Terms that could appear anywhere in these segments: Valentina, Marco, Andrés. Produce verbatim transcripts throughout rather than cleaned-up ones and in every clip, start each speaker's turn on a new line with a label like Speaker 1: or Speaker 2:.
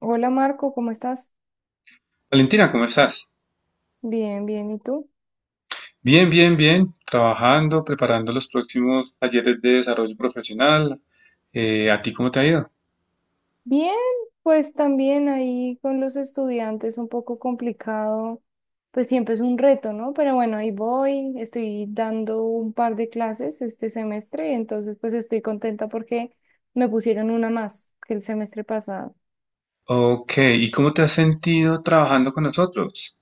Speaker 1: Hola Marco, ¿cómo estás?
Speaker 2: Valentina, ¿cómo estás?
Speaker 1: Bien, bien, ¿y tú?
Speaker 2: Bien, bien, bien. Trabajando, preparando los próximos talleres de desarrollo profesional. Eh, ¿a ti cómo te ha ido?
Speaker 1: Bien, pues también ahí con los estudiantes un poco complicado, pues siempre es un reto, ¿no? Pero bueno, ahí voy, estoy dando un par de clases este semestre, entonces pues estoy contenta porque me pusieron una más que el semestre pasado.
Speaker 2: Ok, ¿y cómo te has sentido trabajando con nosotros?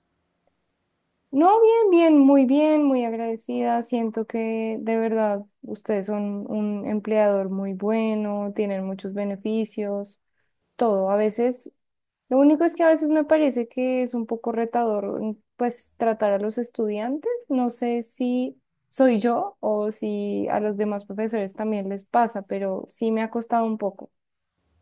Speaker 1: No, bien, bien, muy bien, muy agradecida. Siento que de verdad ustedes son un empleador muy bueno, tienen muchos beneficios. Todo. A veces, lo único es que a veces me parece que es un poco retador, mm, pues, tratar a los estudiantes. No sé si soy yo o si a los demás profesores también les pasa, pero sí me ha costado un poco.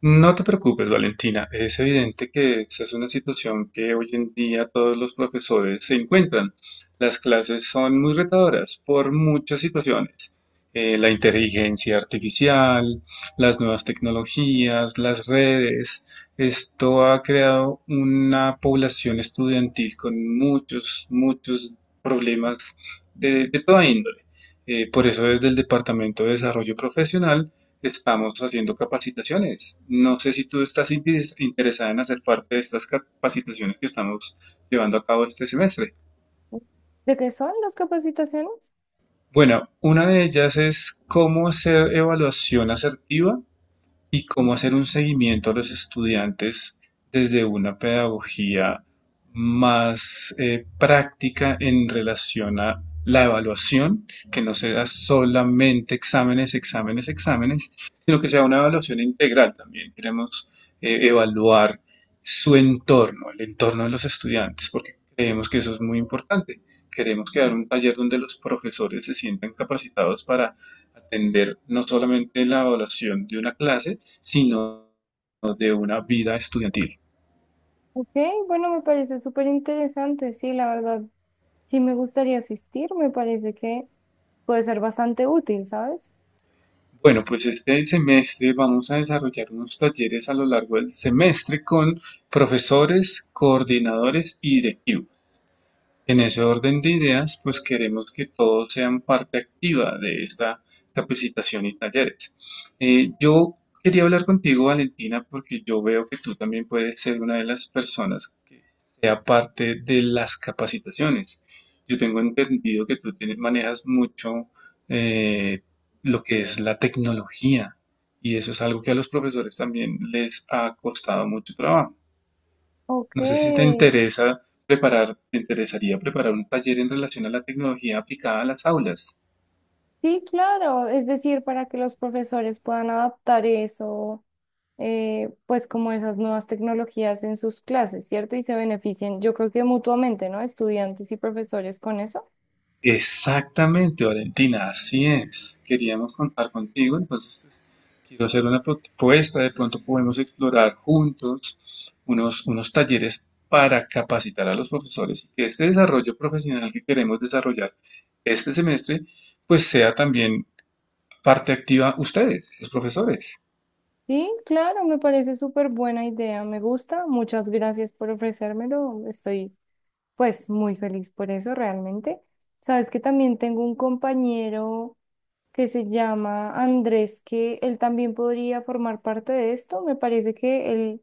Speaker 2: No te preocupes, Valentina. Es evidente que esta es una situación que hoy en día todos los profesores se encuentran. Las clases son muy retadoras por muchas situaciones. Eh, la inteligencia artificial, las nuevas tecnologías, las redes. Esto ha creado una población estudiantil con muchos, muchos problemas de, de toda índole. Eh, por eso desde el Departamento de Desarrollo Profesional estamos haciendo capacitaciones. No sé si tú estás interes- interesada en hacer parte de estas capacitaciones que estamos llevando a cabo este semestre.
Speaker 1: ¿De qué son las capacitaciones?
Speaker 2: Bueno, una de ellas es cómo hacer evaluación asertiva y cómo hacer un seguimiento a los estudiantes desde una pedagogía más eh, práctica en relación a la evaluación, que no sea solamente exámenes, exámenes, exámenes, sino que sea una evaluación integral también. Queremos eh, evaluar su entorno, el entorno de los estudiantes, porque creemos que eso es muy importante. Queremos crear un taller donde los profesores se sientan capacitados para atender no solamente la evaluación de una clase, sino de una vida estudiantil.
Speaker 1: Ok, bueno, me parece súper interesante. Sí, la verdad, sí me gustaría asistir. Me parece que puede ser bastante útil, ¿sabes?
Speaker 2: Bueno, pues este semestre vamos a desarrollar unos talleres a lo largo del semestre con profesores, coordinadores y directivos. En ese orden de ideas, pues queremos que todos sean parte activa de esta capacitación y talleres. Eh, yo quería hablar contigo, Valentina, porque yo veo que tú también puedes ser una de las personas que sea parte de las capacitaciones. Yo tengo entendido que tú tienes- manejas mucho eh, lo que es la tecnología, y eso es algo que a los profesores también les ha costado mucho trabajo.
Speaker 1: Ok,
Speaker 2: No sé si te interesa preparar, te interesaría preparar un taller en relación a la tecnología aplicada a las aulas.
Speaker 1: sí, claro, es decir, para que los profesores puedan adaptar eso eh, pues como esas nuevas tecnologías en sus clases, ¿cierto? Y se beneficien, yo creo que mutuamente, ¿no? Estudiantes y profesores con eso.
Speaker 2: Exactamente, Valentina, así es. Queríamos contar contigo, entonces pues, quiero hacer una propuesta. De pronto podemos explorar juntos unos, unos talleres para capacitar a los profesores y que este desarrollo profesional que queremos desarrollar este semestre, pues sea también parte activa ustedes, los profesores.
Speaker 1: Sí, claro, me parece súper buena idea, me gusta. Muchas gracias por ofrecérmelo. Estoy pues muy feliz por eso, realmente. Sabes que también tengo un compañero que se llama Andrés, que él también podría formar parte de esto. Me parece que él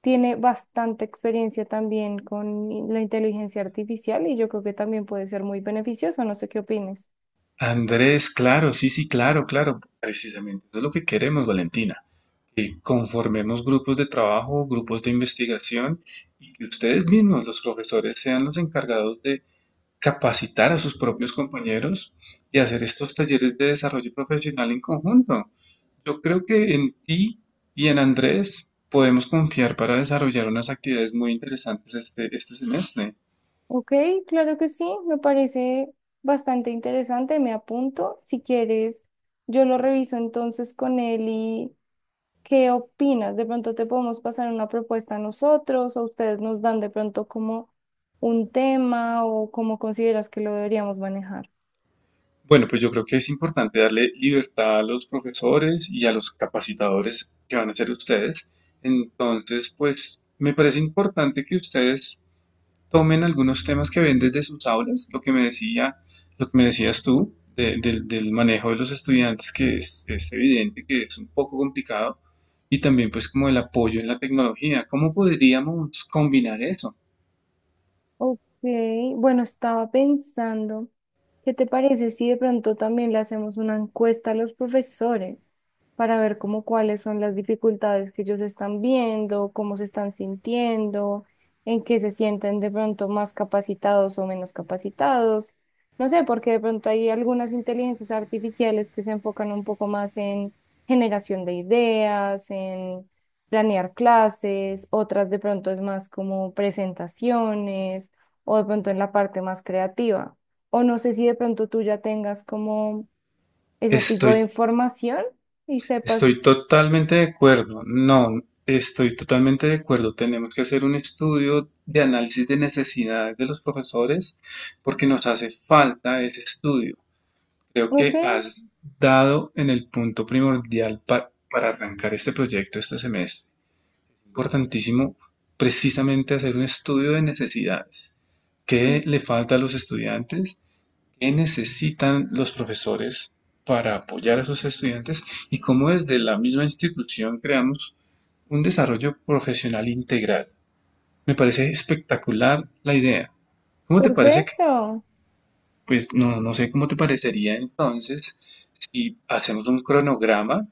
Speaker 1: tiene bastante experiencia también con i- la inteligencia artificial y yo creo que también puede ser muy beneficioso. No sé qué opines.
Speaker 2: Andrés, claro, sí, sí, claro, claro, precisamente. Eso es lo que queremos, Valentina. Que conformemos grupos de trabajo, grupos de investigación, y que ustedes mismos, los profesores, sean los encargados de capacitar a sus propios compañeros y hacer estos talleres de desarrollo profesional en conjunto. Yo creo que en ti y en Andrés podemos confiar para desarrollar unas actividades muy interesantes este, este semestre.
Speaker 1: Ok, claro que sí, me parece bastante interesante. Me apunto. Si quieres, yo lo reviso entonces con él y... ¿Qué opinas? De pronto te podemos pasar una propuesta a nosotros o ustedes nos dan de pronto como un tema o cómo consideras que lo deberíamos manejar.
Speaker 2: Bueno, pues yo creo que es importante darle libertad a los profesores y a los capacitadores que van a ser ustedes. Entonces, pues me parece importante que ustedes tomen algunos temas que ven desde sus aulas, lo que me decía, lo que me decías tú de- del del manejo de los estudiantes, que es, es evidente que es un poco complicado, y también pues como el apoyo en la tecnología. ¿Cómo podríamos combinar eso?
Speaker 1: Ok, bueno, estaba pensando, ¿qué te parece si de pronto también le hacemos una encuesta a los profesores para ver cómo cuáles son las dificultades que ellos están viendo, cómo se están sintiendo, en qué se sienten de pronto más capacitados o menos capacitados? No sé, porque de pronto hay algunas inteligencias artificiales que se enfocan un poco más en generación de ideas, en planear clases, otras de pronto es más como presentaciones o de pronto en la parte más creativa. O no sé si de pronto tú ya tengas como ese tipo
Speaker 2: Estoy
Speaker 1: de información y
Speaker 2: Estoy
Speaker 1: sepas,
Speaker 2: totalmente de acuerdo. No, estoy totalmente de acuerdo. Tenemos que hacer un estudio de análisis de necesidades de los profesores porque nos hace falta ese estudio. Creo
Speaker 1: ok,
Speaker 2: que has dado en el punto primordial pa- para arrancar este proyecto este semestre. Importantísimo precisamente hacer un estudio de necesidades. ¿Qué le falta a los estudiantes? ¿Qué necesitan los profesores para apoyar a sus estudiantes y cómo desde la misma institución creamos un desarrollo profesional integral? Me parece espectacular la idea. ¿Cómo te parece que
Speaker 1: perfecto,
Speaker 2: Pues no, no sé cómo te parecería entonces si hacemos un cronograma,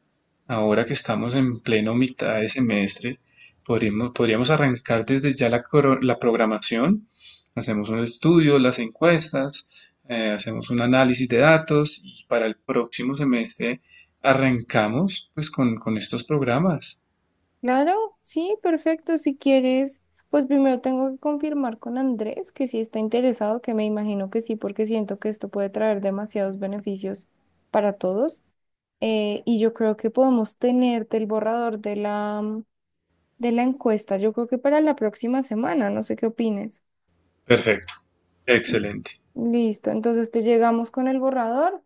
Speaker 2: ahora que estamos en pleno mitad de semestre, podríamos, podríamos arrancar desde ya la, coro- la programación, hacemos un estudio, las encuestas, eh, hacemos un análisis de datos y para el próximo semestre arrancamos pues con, con estos programas.
Speaker 1: claro, sí, perfecto, si quieres, pues primero tengo que confirmar con Andrés que sí está interesado, que me imagino que sí, porque siento que esto puede traer demasiados beneficios para todos. Eh, y yo creo que podemos tenerte el borrador de la, de la encuesta, yo creo que para la próxima semana, no sé qué opines.
Speaker 2: Perfecto, excelente,
Speaker 1: Listo, entonces te llegamos con el borrador.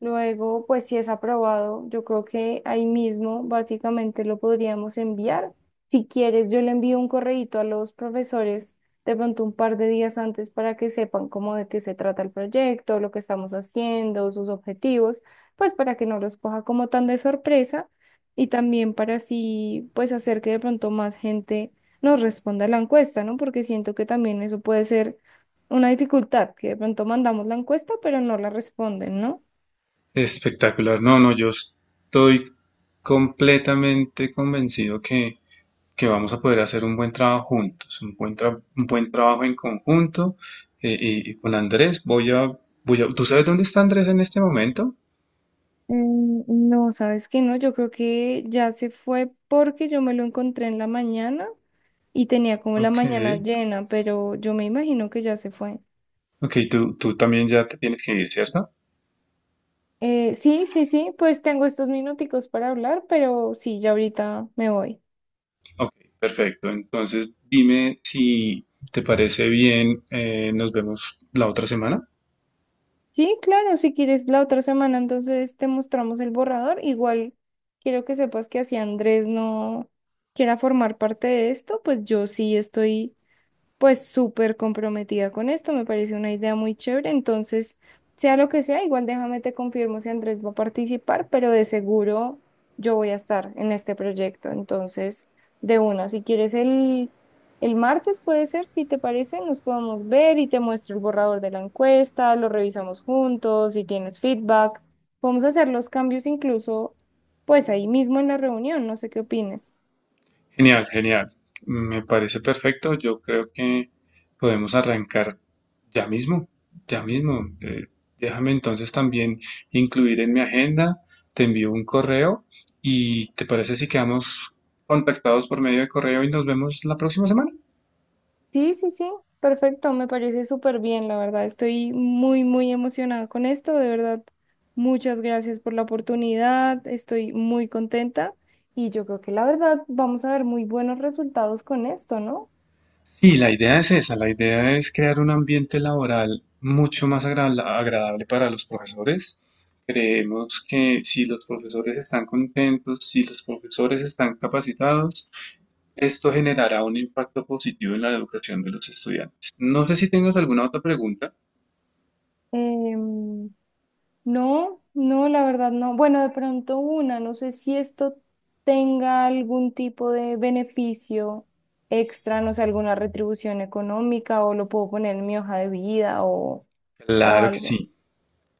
Speaker 1: Luego, pues si es aprobado, yo creo que ahí mismo básicamente lo podríamos enviar. Si quieres, yo le envío un correíto a los profesores de pronto un par de días antes para que sepan cómo de qué se trata el proyecto, lo que estamos haciendo, sus objetivos, pues para que no los coja como tan de sorpresa y también para así, pues hacer que de pronto más gente nos responda a la encuesta, ¿no? Porque siento que también eso puede ser una dificultad, que de pronto mandamos la encuesta, pero no la responden, ¿no?
Speaker 2: espectacular. No, no, yo estoy completamente convencido que que vamos a poder hacer un buen trabajo juntos, un buen, tra- un buen trabajo en conjunto. Eh, y, y con Andrés voy a, voy a... ¿Tú sabes dónde está Andrés en este momento?
Speaker 1: Mm, no, sabes que no, yo creo que ya se fue porque yo me lo encontré en la mañana y tenía como la
Speaker 2: Ok,
Speaker 1: mañana llena, pero yo me imagino que ya se fue.
Speaker 2: ok, tú, tú también ya te tienes que ir, ¿cierto?
Speaker 1: Eh, sí, sí, sí, pues tengo estos minuticos para hablar, pero sí, ya ahorita me voy.
Speaker 2: Ok, perfecto. Entonces dime si te parece bien, eh, nos vemos la otra semana.
Speaker 1: Sí, claro, si quieres la otra semana, entonces te mostramos el borrador. Igual quiero que sepas que así Andrés no quiera formar parte de esto, pues yo sí estoy pues súper comprometida con esto, me parece una idea muy chévere, entonces, sea lo que sea, igual déjame te confirmo si Andrés va a participar, pero de seguro yo voy a estar en este proyecto, entonces, de una, si quieres el, el martes puede ser, si te parece, nos podemos ver y te muestro el borrador de la encuesta, lo revisamos juntos, si tienes feedback, podemos hacer los cambios incluso, pues ahí mismo en la reunión, no sé qué opines.
Speaker 2: Genial, genial. Me parece perfecto. Yo creo que podemos arrancar ya mismo, ya mismo. Eh, déjame entonces también incluir en mi agenda. Te envío un correo, y ¿te parece si quedamos contactados por medio de correo y nos vemos la próxima semana?
Speaker 1: Sí, sí, sí, perfecto, me parece súper bien, la verdad. Estoy muy, muy emocionada con esto, de verdad. Muchas gracias por la oportunidad, estoy muy contenta y yo creo que la verdad vamos a ver muy buenos resultados con esto, ¿no?
Speaker 2: Sí, la idea es esa, la idea es crear un ambiente laboral mucho más agra- agradable para los profesores. Creemos que si los profesores están contentos, si los profesores están capacitados, esto generará un impacto positivo en la educación de los estudiantes. No sé si tengas alguna otra pregunta.
Speaker 1: Em, no, no, la verdad no. Bueno, de pronto una, no sé si esto tenga algún tipo de beneficio extra, no sé, alguna retribución económica o lo puedo poner en mi hoja de vida o, o
Speaker 2: Claro que
Speaker 1: algo.
Speaker 2: sí.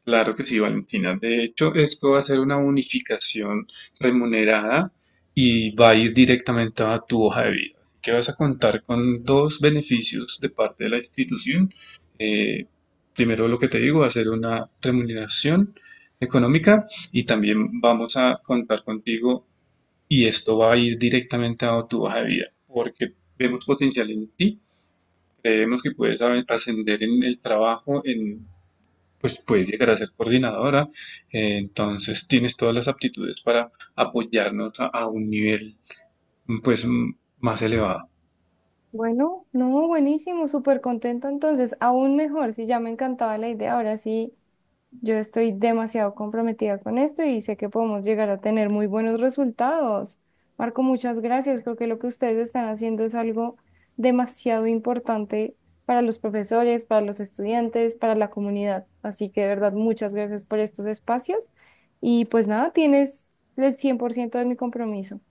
Speaker 2: Claro que sí, Valentina. De hecho, esto va a ser una unificación remunerada y va a ir directamente a tu hoja de vida. Que vas a contar con dos beneficios de parte de la institución. Eh, Primero, lo que te digo, va a ser una remuneración económica, y también vamos a contar contigo, y esto va a ir directamente a tu hoja de vida porque vemos potencial en ti. Creemos que puedes a- ascender en el trabajo, en pues puedes llegar a ser coordinadora. Eh, entonces tienes todas las aptitudes para apoyarnos a, a un nivel pues m- más elevado.
Speaker 1: Bueno, no, buenísimo, súper contenta entonces, aún mejor, si ya me encantaba la idea, ahora sí, yo estoy demasiado comprometida con esto y sé que podemos llegar a tener muy buenos resultados. Marco, muchas gracias, creo que lo que ustedes están haciendo es algo demasiado importante para los profesores, para los estudiantes, para la comunidad, así que de verdad, muchas gracias por estos espacios y pues nada, tienes el cien por ciento de mi compromiso.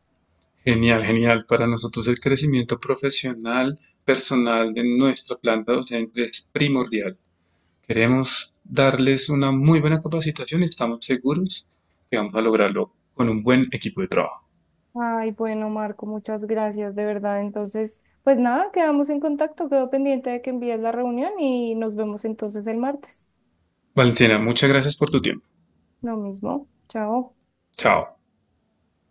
Speaker 2: Genial, genial. Para nosotros el crecimiento profesional, personal de nuestra planta docente es primordial. Queremos darles una muy buena capacitación y estamos seguros que vamos a lograrlo con un buen equipo de trabajo.
Speaker 1: Ay, bueno, Marco, muchas gracias, de verdad. Entonces, pues nada, quedamos en contacto. Quedo pendiente de que envíes la reunión y nos vemos entonces el martes.
Speaker 2: Valentina, muchas gracias por tu tiempo.
Speaker 1: Lo mismo. Chao.
Speaker 2: Chao.